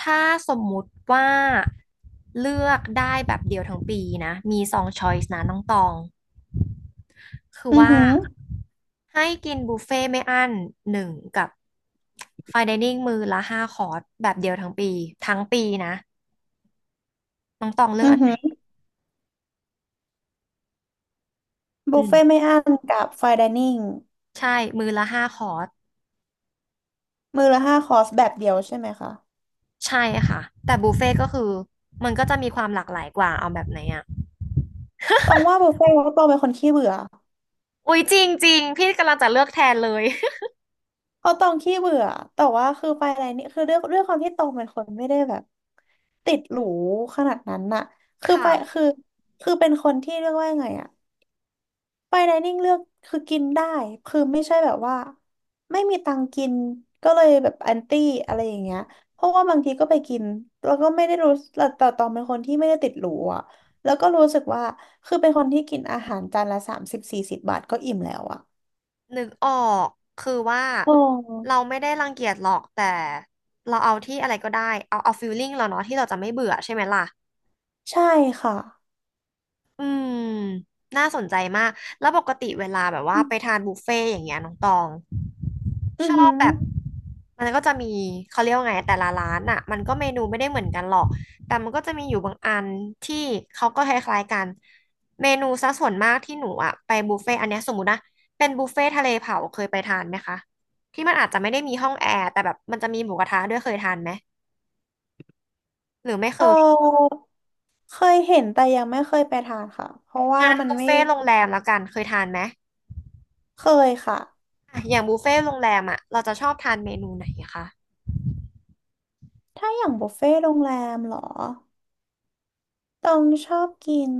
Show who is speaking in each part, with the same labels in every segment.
Speaker 1: ถ้าสมมุติว่าเลือกได้แบบเดียวทั้งปีนะมี2 ช้อยส์นะน้องตองคือ
Speaker 2: อือ
Speaker 1: ว่า
Speaker 2: หือ
Speaker 1: ให้กินบุฟเฟ่ไม่อั้นหนึ่งกับไฟน์ไดนิ่งมื้อละห้าคอร์สแบบเดียวทั้งปีทั้งปีนะน้องตองเลือ
Speaker 2: อื
Speaker 1: ก
Speaker 2: อ
Speaker 1: อันไห
Speaker 2: หื
Speaker 1: น
Speaker 2: อ
Speaker 1: อื
Speaker 2: บุฟเฟ่
Speaker 1: ม
Speaker 2: ไม่อั้นกับไฟน์ไดนิ่ง
Speaker 1: ใช่มื้อละห้าคอร์ส
Speaker 2: มื้อละห้าคอร์สแบบเดียวใช่ไหมคะ
Speaker 1: ใช่ค่ะแต่บุฟเฟ่ก็คือมันก็จะมีความหลากหลายกว่าเอาแบบไหนอ่ะ
Speaker 2: ต้องว่าบุฟเฟ่ต์เพราะตองเป็นคนขี้เบื่อ
Speaker 1: อุ๊ยจริงจริงพี่กำลังจะเลือกแทนเลย
Speaker 2: เพราะตองขี้เบื่อแต่ว่าคือไฟน์ไดนิ่งคือด้วยความที่ตองเป็นคนไม่ได้แบบติดหรูขนาดนั้นน่ะ คือไป
Speaker 1: ค่ะ
Speaker 2: คือคือเป็นคนที่เรียกว่ายังไงอะ ไปไดนิ่งเลือกคือกินได้คือไม่ใช่แบบว่าไม่มีตังค์กินก็เลยแบบแอนตี้อะไรอย่างเงี้ยเพราะว่าบางทีก็ไปกินแล้วก็ไม่ได้รู้แต่ตองเป็นคนที่ไม่ได้ติดหรูอ่ะแล้วก็รู้สึกว่าคือเป็นคนที่กินอาหารจานละสามสิบสี่สิบบาทก็อิ่มแล้วอ่ะ
Speaker 1: นึกออกคือว่า
Speaker 2: โอ
Speaker 1: เรา
Speaker 2: ้
Speaker 1: ไม่ได้รังเกียจหรอกแต่เราเอาที่อะไรก็ได้เอาฟีลลิ่งเราเนาะที่เราจะไม่เบื่อใช่ไหมล่ะ
Speaker 2: ใช่ค่ะ
Speaker 1: อืมน่าสนใจมาก แล้วปกติเวลาแบบว่าไปทานบุฟเฟ่ต์อย่างเงี้ยน้องตอง
Speaker 2: อื
Speaker 1: ช
Speaker 2: อ
Speaker 1: อ
Speaker 2: หื
Speaker 1: บ
Speaker 2: อ
Speaker 1: แบบมันก็จะมีเขาเรียกว่าไงแต่ละร้านอ่ะมันก็เมนูไม่ได้เหมือนกันหรอกแต่มันก็จะมีอยู่บางอันที่เขาก็คล้ายๆกันเมนูซะส่วนมากที่หนูอ่ะไปบุฟเฟ่ต์อันเนี้ยสมมตินะเป็นบุฟเฟ่ต์ทะเลเผาเคยไปทานไหมคะที่มันอาจจะไม่ได้มีห้องแอร์แต่แบบมันจะมีหมูกระทะด้วยเคยทานไหมหรือไม่เค
Speaker 2: เ
Speaker 1: ย
Speaker 2: ออเคยเห็นแต่ยังไม่เคยไปทานค่ะเพราะว่า
Speaker 1: งาน
Speaker 2: มัน
Speaker 1: บุฟ
Speaker 2: ไม่
Speaker 1: เฟ่ต์โรงแรมแล้วกันเคยทานไหม
Speaker 2: เคยค่ะ
Speaker 1: อะอย่างบุฟเฟ่ต์โรงแรมอ่ะเราจะชอบทานเมนูไหนคะ
Speaker 2: ถ้าอย่างบุฟเฟ่ต์โรงแรมเหรอ ตองชอบกิน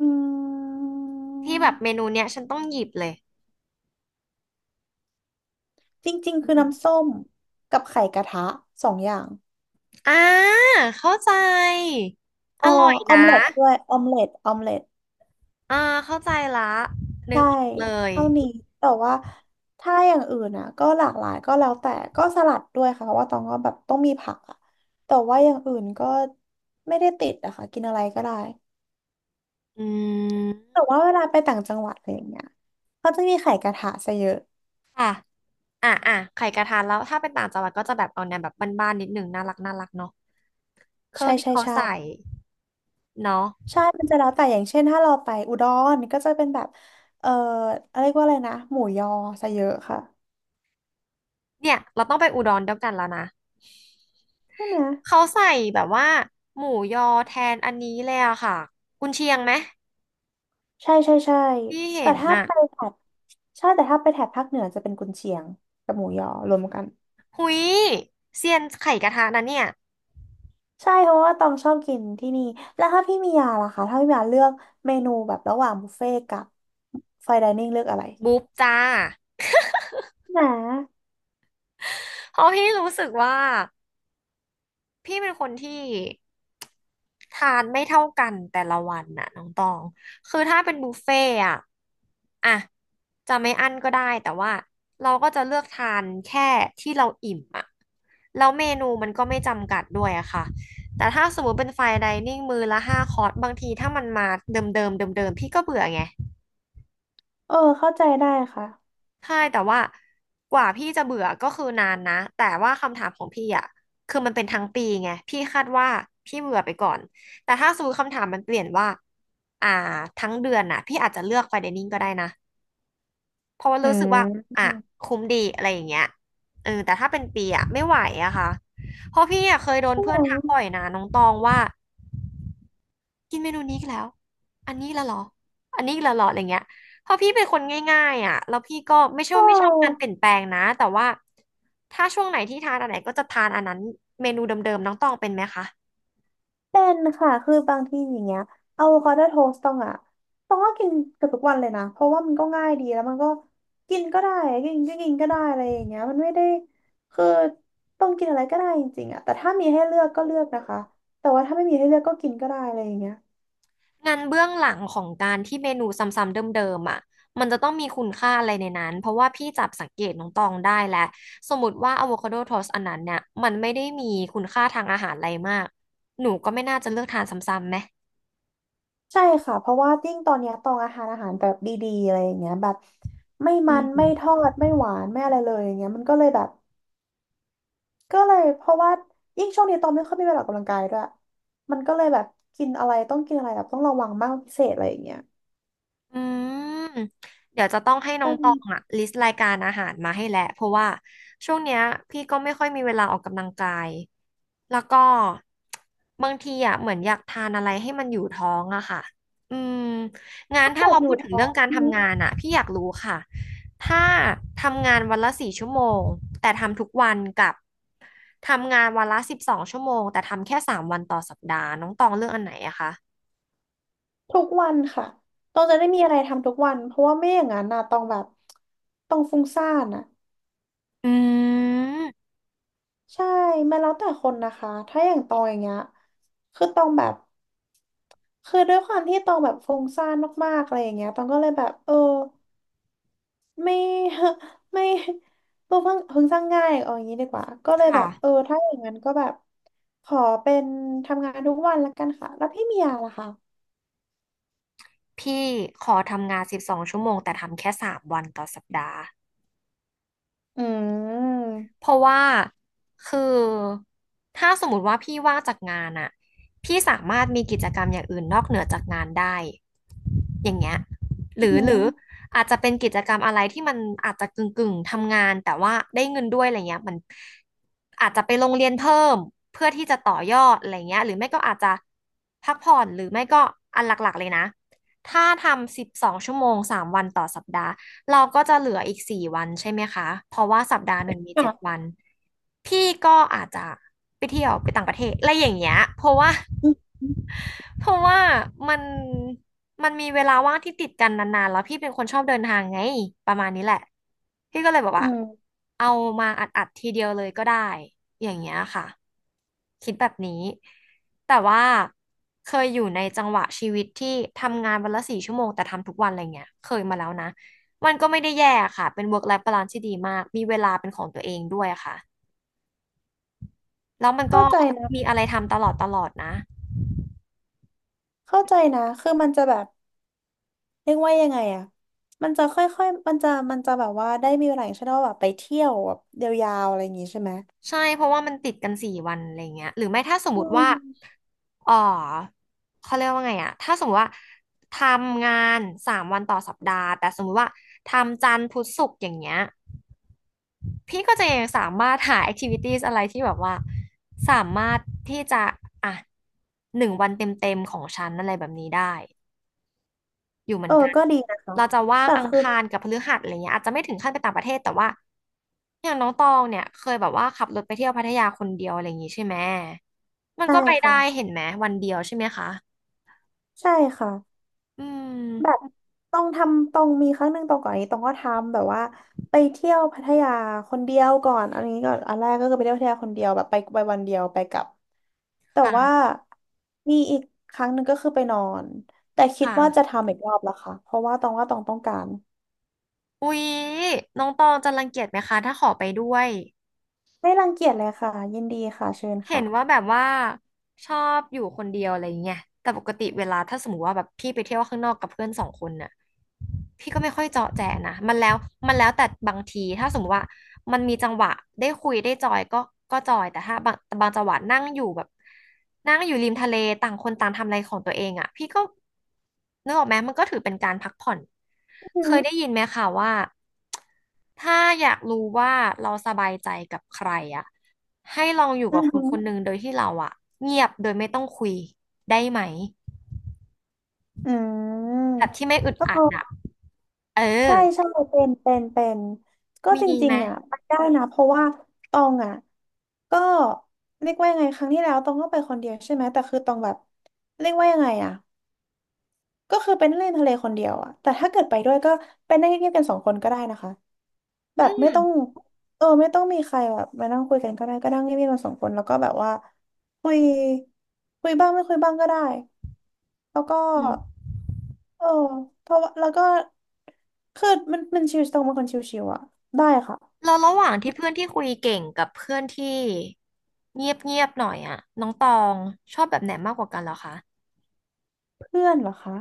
Speaker 2: อื
Speaker 1: ที่
Speaker 2: ม
Speaker 1: แบบเมนูเนี้ยฉันต้องหยิบเลย
Speaker 2: จริงๆ
Speaker 1: อื
Speaker 2: คือน้ำ
Speaker 1: ม
Speaker 2: ส้มกับไข่กระทะสองอย่าง
Speaker 1: อ่าเข้าใจอ
Speaker 2: เอ๋อ
Speaker 1: ร่อย
Speaker 2: ออม
Speaker 1: นะ
Speaker 2: เล็ตด้วยออมเล็ตออมเล็ต
Speaker 1: อ่าเข้าใจละนึก
Speaker 2: ใช่
Speaker 1: ออกเลย
Speaker 2: เท่านี้แต่ว่าถ้าอย่างอื่นอ่ะก็หลากหลายก็แล้วแต่ก็สลัดด้วยค่ะเพราะว่าตองก็แบบต้องมีผักอ่ะแต่ว่าอย่างอื่นก็ไม่ได้ติดอะค่ะกินอะไรก็ได้
Speaker 1: อืม
Speaker 2: แต่ว่าเวลาไปต่างจังหวัดอะไรอย่างเงี้ยเขาจะมีไข่กระทะซะเยอะ
Speaker 1: ค่ะอ่ะไข่กระทานแล้วถ้าเป็นต่างจังหวัดก็จะแบบเอาแนวแบบบ้านๆนิดหนึ่งน่ารักน่ารักเนาะเครื่อ
Speaker 2: ใช่
Speaker 1: งที่
Speaker 2: ใช่
Speaker 1: เขา
Speaker 2: ใช่
Speaker 1: ใส่เนาะ
Speaker 2: ใช่มันจะแล้วแต่อย่างเช่น ถ้าเราไปอุดรก็จะเป็นแบบเอ่ออะไรเรียกว่าอะไรนะหมูยอซะเยอะค่ะ
Speaker 1: เนี่ยเราต้องไปอุดรเดียวกันแล้วนะ
Speaker 2: ใช่ไหม
Speaker 1: เขาใส่แบบว่าหมูยอแทนอันนี้เลยอะค่ะกุนเชียงไหม
Speaker 2: ใช่ใช่ใช่
Speaker 1: ที่เห็
Speaker 2: แต่
Speaker 1: น
Speaker 2: ถ้า
Speaker 1: น่ะ
Speaker 2: ไปแถบใช่แต่ถ้าไปแถบภาคเหนือจะเป็นกุนเชียงกับหมูยอรวมกัน
Speaker 1: หุยเซียนไข่กระทะนะเนี่ย
Speaker 2: ใช่เพราะว่าตองชอบกินที่นี่ แล้วถ้าพี่มียาล่ะคะถ้าพี่มียาเลือกเมนูแบบระหว่างบุฟเฟ่ต์กับไฟน์ไดนิ่งเลือกอะไร
Speaker 1: บุ๊บจ้า
Speaker 2: นะ
Speaker 1: เพราะพี่รู้สึกว่าพี่เป็นคนที่ทานไม่เท่ากันแต่ละวันน่ะน้องตองคือถ้าเป็นบุฟเฟ่ต์อะอะจะไม่อั้นก็ได้แต่ว่าเราก็จะเลือกทานแค่ที่เราอิ่มอะแล้วเมนูมันก็ไม่จำกัดด้วยอะค่ะแต่ถ้าสมมติเป็นไฟน์ไดนิ่งมื้อละห้าคอร์สบางทีถ้ามันมาเดิมๆเดิมๆพี่ก็เบื่อไง
Speaker 2: เออเข้าใจได้ค่ะ
Speaker 1: ใช่แต่ว่ากว่าพี่จะเบื่อก็คือนานนะแต่ว่าคำถามของพี่อ่ะคือมันเป็นทั้งปีไงพี่คาดว่าพี่เบื่อไปก่อนแต่ถ้าสมมติคำถามมันเปลี่ยนว่าอ่าทั้งเดือนน่ะพี่อาจจะเลือกไฟเดนิ่งก็ได้นะเพราะว่า
Speaker 2: อื
Speaker 1: รู้สึกว่าอ่ะ
Speaker 2: ม
Speaker 1: คุ้มดีอะไรอย่างเงี้ยเออแต่ถ้าเป็นปีอ่ะไม่ไหวอะค่ะเพราะพี่อ่ะเคยโดน
Speaker 2: ใช่
Speaker 1: เพื่
Speaker 2: ไหม
Speaker 1: อนทักบ่อยนะน้องตองว่า กินเมนูนี้อีกแล้วอันนี้ละเหรออันนี้ละเหรออะไรเงี้ยเพราะพี่เป็นคนง่ายๆอ่ะแล้วพี่ก็ไม่ใช่
Speaker 2: เอ
Speaker 1: ว่าไม่ชอบกา
Speaker 2: อ
Speaker 1: รเปลี่ยนแปลงนะแต่ว่าถ้าช่วงไหนที่ทานอันไหนก็จะทานอันนั้นเมนูเดิมๆน้องตองเป็นไหมคะ
Speaker 2: เป็นค่ะคือบางทีอย่างเงี้ยอะโวคาโดโทสต์ต้องอะต้องก็กินเกือบทุกวันเลยนะ เพราะว่ามันก็ง่ายดีแล้วมันก็กินก็ได้กินก็ได้อะไรอย่างเงี้ยมันไม่ได้ คือต้องกินอะไรก็ได้จริงๆอะแต่ถ้ามีให้เลือกก็เลือกนะคะ แต่ว่าถ้าไม่มีให้เลือกก็กินก็ได้อะไรอย่างเงี้ย
Speaker 1: งานเบื้องหลังของการที่เมนูซ้ำๆเดิมๆอ่ะมันจะต้องมีคุณค่าอะไรในนั้น เพราะว่าพี่จับสังเกตน้องตองได้แหละสมมติว่าอะโวคาโดโทสอันนั้นเนี่ยมันไม่ได้มีคุณค่าทางอาหารอะไรมากหนูก็ไม่น่าจะเลือกทานซ้ำๆไหม
Speaker 2: ใช่ค่ะ เพราะว่ายิ่งตอนเนี้ยตองอาหารแบบดีๆอะไรอย่างเงี้ยแบบไม่
Speaker 1: อื
Speaker 2: มัน
Speaker 1: ม
Speaker 2: ไม่ทอดไม่หวานไม่อะไรเลยอย่างเงี้ยมันก็เลยแบบ ก็เลยเพราะว่ายิ่งช่วงนี้ตองไม่ค่อยมีเวลาออกกำลังกายด้วยมันก็เลยแบบกินอะไรต้องกินอะไรแบบต้องระวังมากพิเศษอะไรอย่างเงี้ย
Speaker 1: อืมเดี๋ยวจะต้องให้น้อ
Speaker 2: มั
Speaker 1: ง
Speaker 2: น
Speaker 1: ตองอะลิสต์รายการอาหารมาให้แหละเพราะว่าช่วงเนี้ยพี่ก็ไม่ค่อยมีเวลาออกกำลังกายแล้วก็บางทีอะเหมือนอยากทานอะไรให้มันอยู่ท้องอะค่ะอืมงาน
Speaker 2: ถ้า
Speaker 1: ถ้า
Speaker 2: เกิ
Speaker 1: เรา
Speaker 2: ดอ
Speaker 1: พู
Speaker 2: ยู่
Speaker 1: ดถึง
Speaker 2: ท้อ
Speaker 1: เรื่อ
Speaker 2: ง
Speaker 1: งการทำงานอะพี่อยากรู้ค่ะถ้าทำงานวันละ4 ชั่วโมงแต่ทำทุกวันกับทำงานวันละสิบสองชั่วโมงแต่ทำแค่สามวันต่อสัปดาห์น้องตองเลือกอันไหนอะคะ
Speaker 2: ทุกวันค่ะตองจะได้มีอะไรทำทุกวันเพราะว่าไม่อย่างนั้นนะตองแบบตองฟุ้งซ่านอ่ะ
Speaker 1: อืม
Speaker 2: ใช่มันแล้วแต่คนนะคะถ้าอย่างตองอย่างเงี้ยคือตองแบบคือด้วยความที่ตองแบบฟุ้งซ่านมากๆอะไรอย่างเงี้ยตองก็เลยแบบเออ ไม่ ไม่ตัวเพิ่งสร้างง่ายเอาอย่างนี้ดีกว่าก็เลยแบบเออ
Speaker 1: ค่ะ
Speaker 2: ถ้าอย่างนั้นก็แบบขอเป็นทำงานทุกวันละกันค่ะแล้วพี่เมียล่ะคะ
Speaker 1: พี่ขอทำงาน12 ชั่วโมงแต่ทำแค่สามวันต่อสัปดาห์
Speaker 2: อืม
Speaker 1: เพราะว่าคือถ้าสมมติว่าพี่ว่างจากงานอะพี่สามารถมีกิจกรรมอย่างอื่นนอกเหนือจากงานได้อย่างเงี้ยห
Speaker 2: อื
Speaker 1: รือหรือ
Speaker 2: ม
Speaker 1: อาจจะเป็นกิจกรรมอะไรที่มันอาจจะกึ่งทำงานแต่ว่าได้เงินด้วยอะไรเงี้ยมันอาจจะไปโรงเรียนเพิ่มเพื่อที่จะต่อยอดอะไรเงี้ยหรือไม่ก็อาจจะพักผ่อนหรือไม่ก็อันหลักๆเลยนะถ้าทำสิบสองชั่วโมงสามวันต่อสัปดาห์ เราก็จะเหลืออีก4 วันใช่ไหมคะ เพราะว่าสัปดาห์หนึ่งมีเจ็ด
Speaker 2: ค่ะ
Speaker 1: วัน พี่ก็อาจจะไปเที่ยวไปต่างประเทศอะไรอย่างเงี้ย เพราะว่า
Speaker 2: อืม
Speaker 1: เพราะว่ามันมันมีเวลาว่างที่ติดกันนานๆ แล้วพี่เป็นคนชอบเดินทางไง ประมาณนี้แหละ พี่ก็เลยบอก
Speaker 2: อื
Speaker 1: ว่า
Speaker 2: ม
Speaker 1: เอามาอัดๆทีเดียวเลยก็ได้อย่างเงี้ยค่ะคิดแบบนี้ แต่ว่าเคยอยู่ในจังหวะชีวิตที่ทำงานวันละสี่ชั่วโมงแต่ทำทุกวันอะไรเงี้ยเคยมาแล้วนะ มันก็ไม่ได้แย่ค่ะ เป็น work life balance ที่ดีมาก มีเวลาเป็นของตัวเองด้วยค่ะ แล้วมัน
Speaker 2: เข้า
Speaker 1: ก็
Speaker 2: ใจ
Speaker 1: มี
Speaker 2: นะ
Speaker 1: อะไรทำตลอดตลอดนะ
Speaker 2: เข้าใจนะคือมันจะแบบเรียกว่ายังไงอะมันจะค่อยๆมันจะแบบว่าได้มีเวลาอย่างเช่นว่าแบบไปเที่ยวแบบยาวๆอะไรอย่างงี้ใช่ไหม
Speaker 1: ใช่ เพราะว่ามันติดกันสี่วันอะไรเงี้ยหรือไม่ถ้าสมม
Speaker 2: อื
Speaker 1: ติว่า
Speaker 2: ม
Speaker 1: เออเขาเรียกว่าไงอะถ้าสมมติว่าทำงานสามวันต่อสัปดาห์แต่สมมติว่าทำจันทร์พุธศุกร์อย่างเงี้ย พี่ก็จะยังสามารถหา activities อะไรที่แบบว่าสามารถที่จะอ่ะหนึ่งวันเต็มๆของฉันอะไรแบบนี้ได้ อยู่เหมื
Speaker 2: เอ
Speaker 1: อน
Speaker 2: อ
Speaker 1: กัน
Speaker 2: ก็ดีนะคะ
Speaker 1: เราจะว่าง
Speaker 2: แต่
Speaker 1: อัง
Speaker 2: คือ
Speaker 1: คารกับพฤหัสอะไรเงี้ยอาจจะไม่ถึงขั้นไปต่างประเทศแต่ว่าอย่างน้องตองเนี่ยเคยแบบว่าขับรถไปเที่ยวพัทยาคนเดียวอะไรอย่างงี้ใช่ไหมมัน
Speaker 2: ใช่
Speaker 1: ก็ไป
Speaker 2: ค่ะ
Speaker 1: ได้เห็นไหมวันเดียวใช่ไหมคะ
Speaker 2: ใช่ค่ะ
Speaker 1: อืม
Speaker 2: แบบตองทำตองมีครั้งหนึ่งตองก่อนอันนี้ตองก็ทำแบบว่าไปเที่ยวพัทยาคนเดียวก่อนอันนี้ก่อนอันแรกก็คือไปเที่ยวพัทยาคนเดียวแบบไปวันเดียวไปกลับแต่ว่า
Speaker 1: ค่ะ
Speaker 2: มีอีกครั้งหนึ่งก็คือไปนอนแต่
Speaker 1: ค
Speaker 2: คิดว่าจะ
Speaker 1: ่ะ
Speaker 2: ทำอีกรอบละค่ะเพราะว่าตองว่าตองต้องการ
Speaker 1: อุ๊ยน้องตองจะรังเกียจไหมคะถ้าขอไปด้วย
Speaker 2: ไม่รังเกียจเลยค่ะยินดีค่ะเชิญ
Speaker 1: เห็
Speaker 2: ค่ะ
Speaker 1: นว่าแบบว่าชอบอยู่คนเดียวอะไรอย่างเงี้ยแต่ปกติเวลาถ้าสมมติว่าแบบพี่ไปเที่ยวข้างนอกกับเพื่อนสองคนน่ะพี่ก็ไม่ค่อยเจาะแจนะมันแล้วแต่บางทีถ้าสมมติว่ามันมีจังหวะได้คุยได้จอยก็จอยแต่บางจังหวะนั่งอยู่แบบนั่งอยู่ริมทะเลต่างคนต่างทำอะไรของตัวเองอ่ะพี่ก็นึกออกไหมมันก็ถือเป็นการพักผ่อน
Speaker 2: อือ
Speaker 1: เค
Speaker 2: หื
Speaker 1: ย
Speaker 2: อ
Speaker 1: ได้ยินไหมคะว่า ถ้าอยากรู้ว่าเราสบายใจกับใครอ่ะให้ลองอยู่
Speaker 2: อื
Speaker 1: กับ
Speaker 2: อ
Speaker 1: ค
Speaker 2: หื
Speaker 1: น
Speaker 2: อ
Speaker 1: คนหนึ่งโดยที่เราอ่ะเงียบโดยไม่ต้องคุยได้ไหม
Speaker 2: อื
Speaker 1: แบบ
Speaker 2: ม
Speaker 1: ที่ไม่อึด
Speaker 2: ก็
Speaker 1: อั
Speaker 2: คื
Speaker 1: ด
Speaker 2: อ
Speaker 1: อ่ะเออ
Speaker 2: ใช่ใช่เป็นก็
Speaker 1: มี
Speaker 2: จริ
Speaker 1: ไหม
Speaker 2: งๆอ่ะไปได้นะเพราะว่าตองอ่ะก็เรียกว่ายังไงครั้งที่แล้วตองก็ไปคนเดียวใช่ไหมแต่คือตองแบบเรียกว่ายังไงอ่ะก็คือเป็นเล่นทะเลคนเดียวอ่ะแต่ถ้าเกิดไปด้วยก็เป็นได้เงียบๆกันสองคนก็ได้นะคะแบบ
Speaker 1: อื
Speaker 2: ไม่ต้องเออไม่ต้องมีใครแบบมานั่งคุยกันก็ได้ก็นั่งเงียบๆกันสองคนแล้วก็แบบว่าคุยคุยบ้างไม่คุยบ้างก็ได้แล้วก็
Speaker 1: ม
Speaker 2: เออเพราะว่าแล้วก็คือมันชิวๆตรงเป็นคนชิวๆอ่ะได้ค่ะ
Speaker 1: เราระหว่างที่เพื่อนที่คุยเก่งกับเพื่อนที่เงียบเงียบหน่อยอ่ะน้องตองชอบแบบไหนมากกว่ากันเหรอคะ
Speaker 2: เพื่อนเหรอคะ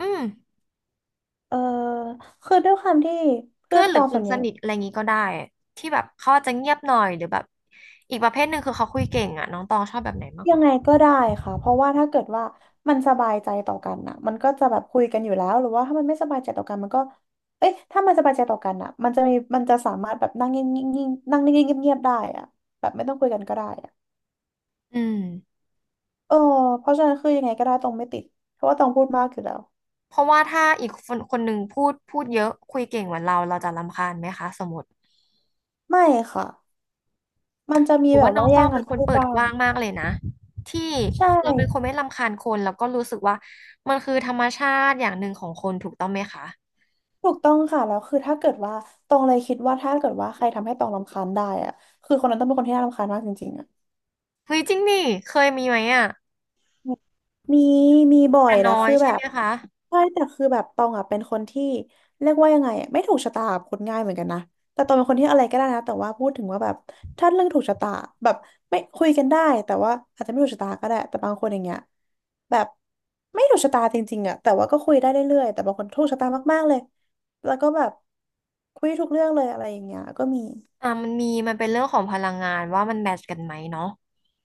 Speaker 1: อืม
Speaker 2: เออคือด้วยความที่เพื่
Speaker 1: เพื่
Speaker 2: อ
Speaker 1: อ
Speaker 2: น
Speaker 1: นห
Speaker 2: ต
Speaker 1: รื
Speaker 2: อ
Speaker 1: อ
Speaker 2: ง
Speaker 1: ค
Speaker 2: ส่
Speaker 1: น
Speaker 2: วนให
Speaker 1: ส
Speaker 2: ญ่
Speaker 1: นิทอะไรงี้ก็ได้ที่แบบเขาอาจจะเงียบหน่อยหรือแบบอีกประเภทหนึ่งคือเขาคุยเก่งอ่ะน้องตองชอบแบบไหนมากก
Speaker 2: ยั
Speaker 1: ว่า
Speaker 2: งไง
Speaker 1: กัน
Speaker 2: ก็ได้ค่ะเพราะว่าถ้าเกิดว่ามันสบายใจต่อกันน่ะมันก็จะแบบคุยกันอยู่แล้วหรือว่าถ้ามันไม่สบายใจต่อกันมันก็เอ๊ะถ้ามันสบายใจต่อกันน่ะมันจะมีมันจะสามารถแบบนั่งเงียบๆนั่งนิ่งๆเงียบๆได้อะแบบไม่ต้องคุยกันก็ได้อะ
Speaker 1: อืม
Speaker 2: เออเพราะฉะนั้นคือยังไงก็ได้ตองไม่ติดเพราะว่าตองพูดมากอยู่แล้ว
Speaker 1: เพราะว่าถ้าอีกคนคนหนึ่งพูดเยอะคุยเก่งเหมือนเราเราจะรำคาญไหมคะสมมติ
Speaker 2: ไม่ค่ะ มันจะมี
Speaker 1: หรือ
Speaker 2: แบ
Speaker 1: ว่า
Speaker 2: บ
Speaker 1: น้อ
Speaker 2: ว่า
Speaker 1: งต
Speaker 2: แย่
Speaker 1: อ
Speaker 2: ง
Speaker 1: ง
Speaker 2: กั
Speaker 1: เป็
Speaker 2: น
Speaker 1: นคน
Speaker 2: พูด
Speaker 1: เปิด
Speaker 2: บ้า
Speaker 1: ก
Speaker 2: ง
Speaker 1: ว้างมากเลยนะที่
Speaker 2: ใช่
Speaker 1: เราเป็นคนไม่รำคาญคนแล้วก็รู้สึกว่ามันคือธรรมชาติอย่างหนึ่งของคนถูกต้องไหมคะ
Speaker 2: ถูกต้องค่ะแล้วคือถ้าเกิดว่าตองเลยคิดว่าถ้าเกิดว่าใครทำให้ตองรำคาญได้อะคือคนนั้นต้องเป็นคนที่น่ารำคาญมากจริงๆอะ
Speaker 1: เฮ้ยจริงดิเคยมีไหมอ่ะ
Speaker 2: มีมีบ่อ
Speaker 1: แต่
Speaker 2: ยแล้
Speaker 1: น้
Speaker 2: ว
Speaker 1: อย
Speaker 2: คือ
Speaker 1: ใช่
Speaker 2: แบ
Speaker 1: ไหม
Speaker 2: บ
Speaker 1: คะ
Speaker 2: ใช่แต่คือแบบตองอ่ะเป็นคนที่เรียกว่ายังไงอะไม่ถูกชะตากับคนง่ายเหมือนกันนะแต่ตองเป็นคนที่อะไรก็ได้นะแต่ว่าพูดถึงว่าแบบถ้าเรื่องถูกชะตาแบบไม่คุยกันได้แต่ว่าอาจจะไม่ถูกชะตาก็ได้แต่บางคนอย่างเงี้ยแบบไม่ถูกชะตาจริงๆอ่ะแต่ว่าก็คุยได้เรื่อยๆแต่บางคนถูกชะตามากๆเลยแล้วก็แบบคุยทุกเรื่องเลยอะไรอย่างเงี้ยก็มี
Speaker 1: อ่ามันมีมันเป็นเรื่องของพลังงานว่ามันแมทช์กันไหมเนาะ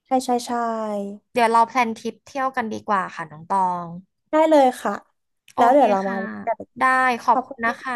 Speaker 2: ใช่ใช่ใช่
Speaker 1: เดี๋ยวเราแพลนทริปเที่ยวกันดีกว่าค่ะน้องตอง
Speaker 2: ได้เลยค่ะ
Speaker 1: โอ
Speaker 2: แล้ว
Speaker 1: เค
Speaker 2: เดี๋ยวเรามา
Speaker 1: ค่ะ
Speaker 2: ว่ากัน
Speaker 1: ได้ขอ
Speaker 2: ข
Speaker 1: บ
Speaker 2: อบ
Speaker 1: คุ
Speaker 2: คุ
Speaker 1: ณนะคะ
Speaker 2: ณ